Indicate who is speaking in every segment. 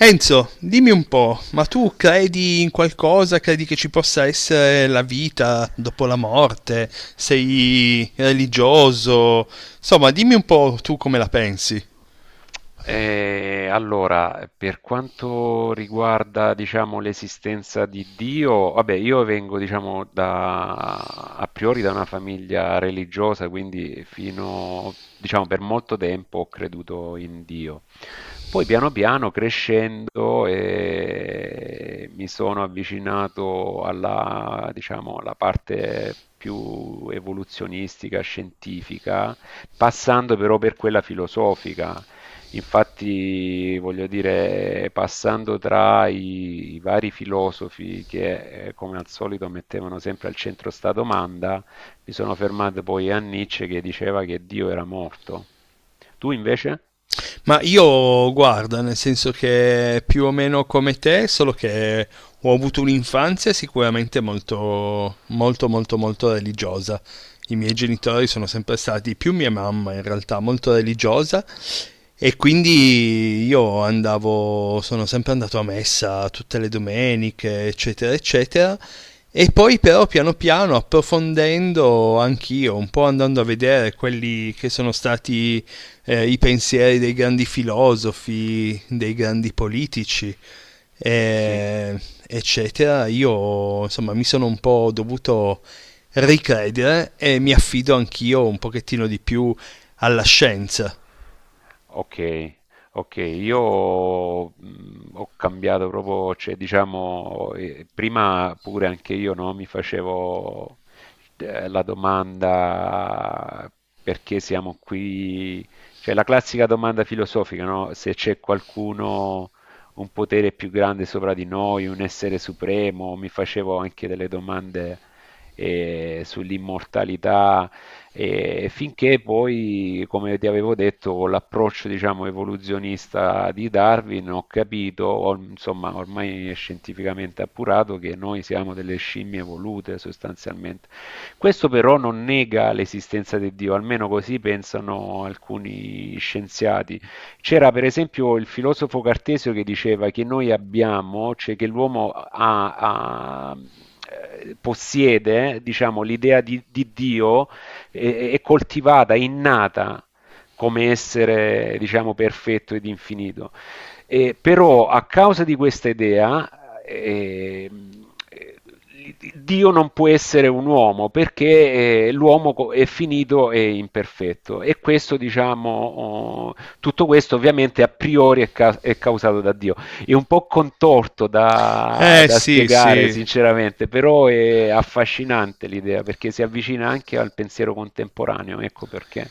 Speaker 1: Enzo, dimmi un po', ma tu credi in qualcosa? Credi che ci possa essere la vita dopo la morte? Sei religioso? Insomma, dimmi un po' tu come la pensi.
Speaker 2: Allora, per quanto riguarda, diciamo, l'esistenza di Dio, vabbè, io vengo, diciamo, a priori da una famiglia religiosa, quindi fino, diciamo, per molto tempo ho creduto in Dio. Poi piano piano crescendo mi sono avvicinato diciamo, alla parte più evoluzionistica, scientifica passando però per quella filosofica. Infatti, voglio dire, passando tra i vari filosofi che, come al solito, mettevano sempre al centro sta domanda, mi sono fermato poi a Nietzsche che diceva che Dio era morto. Tu invece?
Speaker 1: Ma io guarda, nel senso che più o meno come te, solo che ho avuto un'infanzia sicuramente molto, molto, molto, molto religiosa. I miei genitori sono sempre stati, più mia mamma in realtà, molto religiosa, e quindi io andavo, sono sempre andato a messa tutte le domeniche, eccetera, eccetera. E poi però piano piano approfondendo anch'io, un po' andando a vedere quelli che sono stati i pensieri dei grandi filosofi, dei grandi politici,
Speaker 2: Sì.
Speaker 1: eh, eccetera, io insomma mi sono un po' dovuto ricredere e mi affido anch'io un pochettino di più alla scienza.
Speaker 2: Ok, ok, io ho cambiato proprio, cioè diciamo, prima pure anche io no, mi facevo la domanda perché siamo qui, cioè la classica domanda filosofica, no? Se c'è qualcuno, un potere più grande sopra di noi, un essere supremo, mi facevo anche delle domande sull'immortalità e finché poi, come ti avevo detto, con l'approccio, diciamo, evoluzionista di Darwin, ho capito, insomma, ormai è scientificamente appurato che noi siamo delle scimmie evolute sostanzialmente. Questo però non nega l'esistenza di Dio, almeno così pensano alcuni scienziati. C'era per esempio il filosofo Cartesio che diceva che noi abbiamo, cioè che l'uomo possiede, diciamo, l'idea di Dio è coltivata, innata come essere, diciamo, perfetto ed infinito. E, però a causa di questa idea, Dio non può essere un uomo perché l'uomo è finito e imperfetto e questo diciamo tutto questo ovviamente a priori è causato da Dio è un po' contorto da,
Speaker 1: Eh
Speaker 2: da
Speaker 1: sì,
Speaker 2: spiegare
Speaker 1: sì,
Speaker 2: sinceramente, però è affascinante l'idea perché si avvicina anche al pensiero contemporaneo, ecco perché.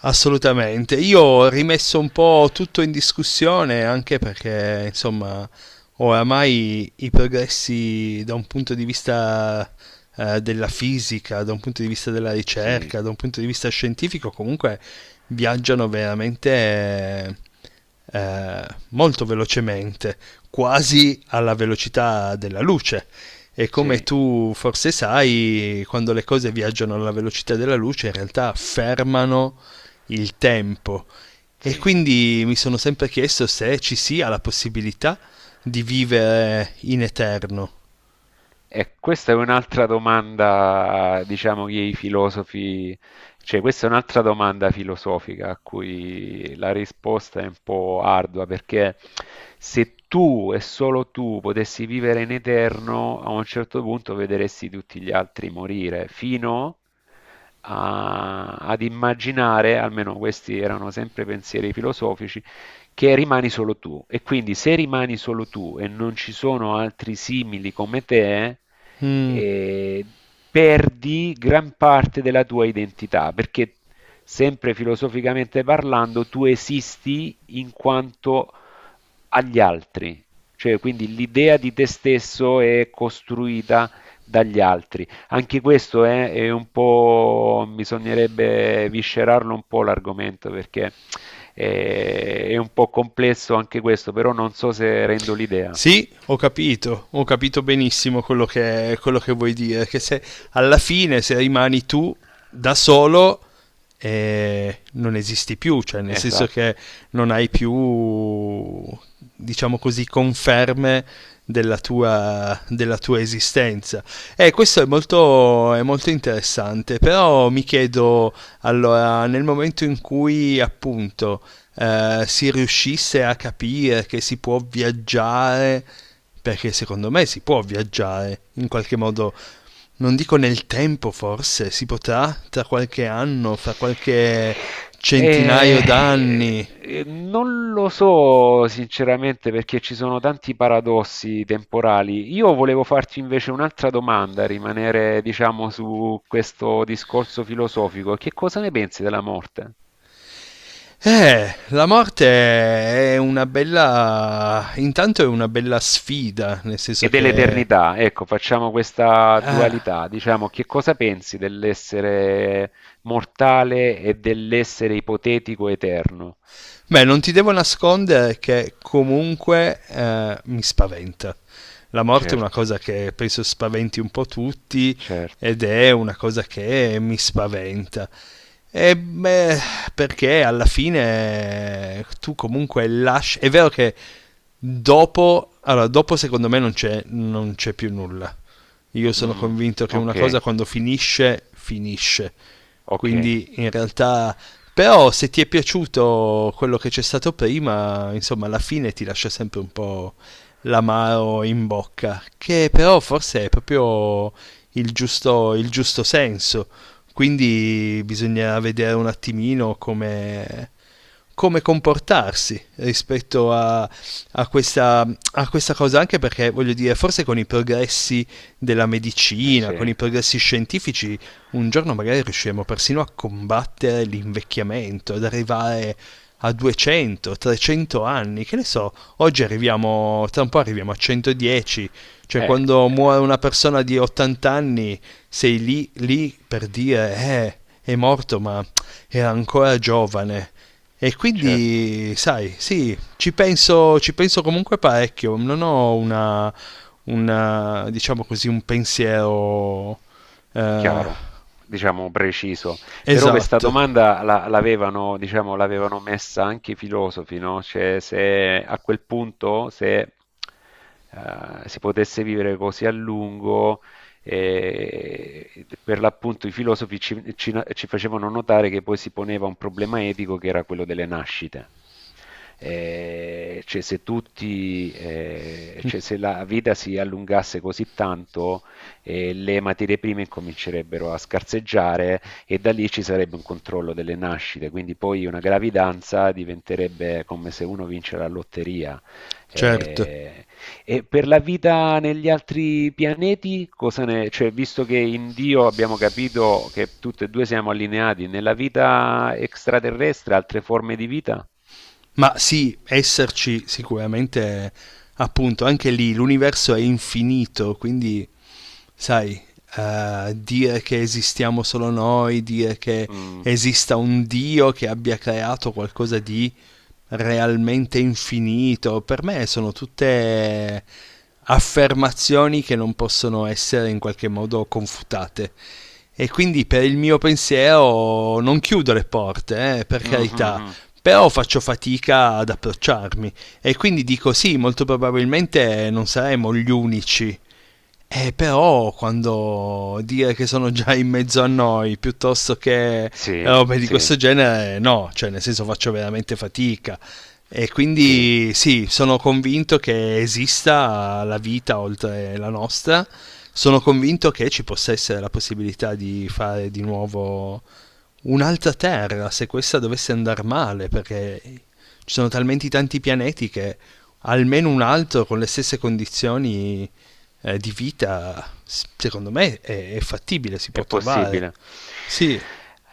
Speaker 1: assolutamente, io ho rimesso un po' tutto in discussione anche perché, insomma, oramai i progressi da un punto di vista della fisica, da un punto di vista della
Speaker 2: Sì,
Speaker 1: ricerca, da un punto di vista scientifico, comunque viaggiano veramente eh, molto velocemente, quasi alla velocità della luce. E come
Speaker 2: sì,
Speaker 1: tu forse sai, quando le cose viaggiano alla velocità della luce, in realtà fermano il tempo, e
Speaker 2: sì.
Speaker 1: quindi mi sono sempre chiesto se ci sia la possibilità di vivere in eterno.
Speaker 2: E questa è un'altra domanda, diciamo, che i filosofi, cioè questa è un'altra domanda filosofica a cui la risposta è un po' ardua, perché se tu e solo tu potessi vivere in eterno, a un certo punto vedresti tutti gli altri morire, fino ad immaginare, almeno questi erano sempre pensieri filosofici, che rimani solo tu. E quindi se rimani solo tu e non ci sono altri simili come te,
Speaker 1: Mm.
Speaker 2: eh, perdi gran parte della tua identità, perché sempre filosoficamente parlando tu esisti in quanto agli altri, cioè quindi l'idea di te stesso è costruita dagli altri. Anche questo è un po', bisognerebbe viscerarlo un po' l'argomento perché è un po' complesso anche questo, però non so se rendo l'idea.
Speaker 1: Sì, ho capito benissimo quello che vuoi dire, che se
Speaker 2: Eh,
Speaker 1: alla fine se rimani tu da solo non esisti più, cioè nel senso
Speaker 2: Esatto.
Speaker 1: che non hai più, diciamo così, conferme della tua esistenza. E questo è molto interessante, però mi chiedo, allora, nel momento in cui appunto si riuscisse a capire che si può viaggiare, perché secondo me si può viaggiare in qualche modo, non dico nel tempo forse, si potrà tra qualche anno, fra qualche centinaio d'anni.
Speaker 2: Non lo so sinceramente perché ci sono tanti paradossi temporali. Io volevo farti invece un'altra domanda, rimanere, diciamo, su questo discorso filosofico. Che cosa ne pensi della morte
Speaker 1: La morte è una bella intanto è una bella sfida, nel senso
Speaker 2: e
Speaker 1: che
Speaker 2: dell'eternità? Ecco, facciamo questa
Speaker 1: ah,
Speaker 2: dualità, diciamo, che cosa pensi dell'essere mortale e dell'essere ipotetico eterno?
Speaker 1: beh, non ti devo nascondere che comunque mi spaventa. La morte è una
Speaker 2: Certo,
Speaker 1: cosa che penso spaventi un po' tutti
Speaker 2: certo.
Speaker 1: ed è una cosa che mi spaventa. E beh, perché alla fine tu comunque lasci. È vero che dopo, allora, dopo secondo me non c'è, non c'è più nulla. Io sono
Speaker 2: Mm,
Speaker 1: convinto che una
Speaker 2: ok.
Speaker 1: cosa quando finisce, finisce.
Speaker 2: Okay,
Speaker 1: Quindi in realtà però se ti è piaciuto quello che c'è stato prima, insomma, alla fine ti lascia sempre un po' l'amaro in bocca, che però forse è proprio il giusto senso. Quindi bisognerà vedere un attimino come, come comportarsi rispetto a, a questa, a questa cosa, anche perché voglio dire, forse con i progressi della
Speaker 2: eh
Speaker 1: medicina, con i
Speaker 2: sì.
Speaker 1: progressi scientifici, un giorno magari riusciremo persino a combattere l'invecchiamento, ad arrivare a 200, 300 anni, che ne so, oggi arriviamo, tra un po' arriviamo a 110, cioè
Speaker 2: Eh,
Speaker 1: quando muore
Speaker 2: ehm,
Speaker 1: una persona di 80 anni sei lì, lì per dire, è morto ma è ancora giovane, e
Speaker 2: certo.
Speaker 1: quindi, sai, sì, ci penso comunque parecchio, non ho una diciamo così, un pensiero eh,
Speaker 2: Chiaro, diciamo preciso. Però questa
Speaker 1: esatto,
Speaker 2: domanda la l'avevano diciamo, l'avevano messa anche i filosofi, no, cioè se a quel punto se, si potesse vivere così a lungo, per l'appunto i filosofi ci facevano notare che poi si poneva un problema etico che era quello delle nascite. Cioè, se tutti, cioè, se la vita si allungasse così tanto, le materie prime incomincerebbero a scarseggiare e da lì ci sarebbe un controllo delle nascite, quindi poi una gravidanza diventerebbe come se uno vince la lotteria.
Speaker 1: certo.
Speaker 2: Eh, e per la vita negli altri pianeti, cioè, visto che in Dio abbiamo capito che tutti e due siamo allineati, nella vita extraterrestre, altre forme di vita?
Speaker 1: Ma sì, esserci sicuramente, appunto, anche lì l'universo è infinito, quindi, sai, dire che esistiamo solo noi, dire che
Speaker 2: Mm.
Speaker 1: esista un Dio che abbia creato qualcosa di realmente infinito. Per me sono tutte affermazioni che non possono essere in qualche modo confutate. E quindi per il mio pensiero non chiudo le porte, per
Speaker 2: Mhm,
Speaker 1: carità,
Speaker 2: mhm.
Speaker 1: però faccio fatica ad approcciarmi e quindi dico sì, molto probabilmente non saremo gli unici però quando dire che sono già in mezzo a noi piuttosto che
Speaker 2: Sì,
Speaker 1: robe di questo
Speaker 2: sì,
Speaker 1: genere, no, cioè nel senso faccio veramente fatica. E
Speaker 2: sì.
Speaker 1: quindi sì, sono convinto che esista la vita oltre la nostra, sono convinto che ci possa essere la possibilità di fare di nuovo un'altra Terra se questa dovesse andar male, perché ci sono talmente tanti pianeti che almeno un altro con le stesse condizioni di vita, s- secondo me è fattibile, si
Speaker 2: È
Speaker 1: può trovare.
Speaker 2: possibile.
Speaker 1: Sì,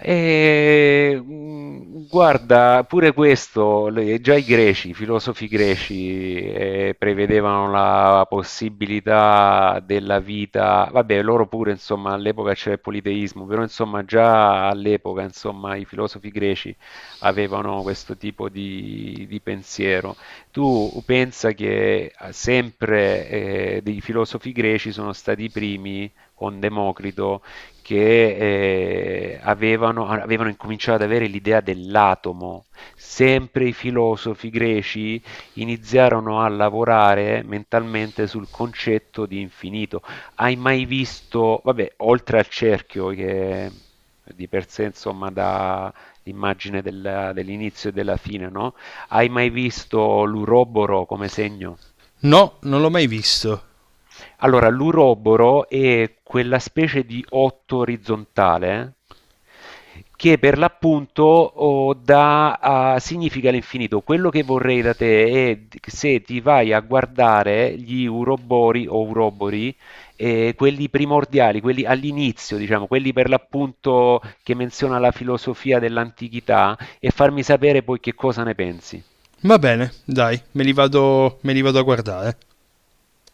Speaker 2: E, guarda, pure questo, già i greci, i filosofi greci, prevedevano la possibilità della vita, vabbè, loro pure, insomma, all'epoca c'era il politeismo, però, insomma, già all'epoca, insomma, i filosofi greci avevano questo tipo di pensiero. Tu pensa che sempre, dei filosofi greci sono stati i primi con Democrito che avevano incominciato ad avere l'idea dell'atomo. Sempre i filosofi greci iniziarono a lavorare mentalmente sul concetto di infinito. Hai mai visto, vabbè, oltre al cerchio che di per sé insomma dà l'immagine dell'inizio e della fine, no? Hai mai visto l'uroboro come segno?
Speaker 1: no, non l'ho mai visto.
Speaker 2: Allora, l'uroboro è quella specie di otto orizzontale che per l'appunto significa l'infinito. Quello che vorrei da te è se ti vai a guardare gli urobori o urobori, quelli primordiali, quelli all'inizio, diciamo, quelli per l'appunto che menziona la filosofia dell'antichità, e farmi sapere poi che cosa ne pensi.
Speaker 1: Va bene, dai, me li vado a guardare.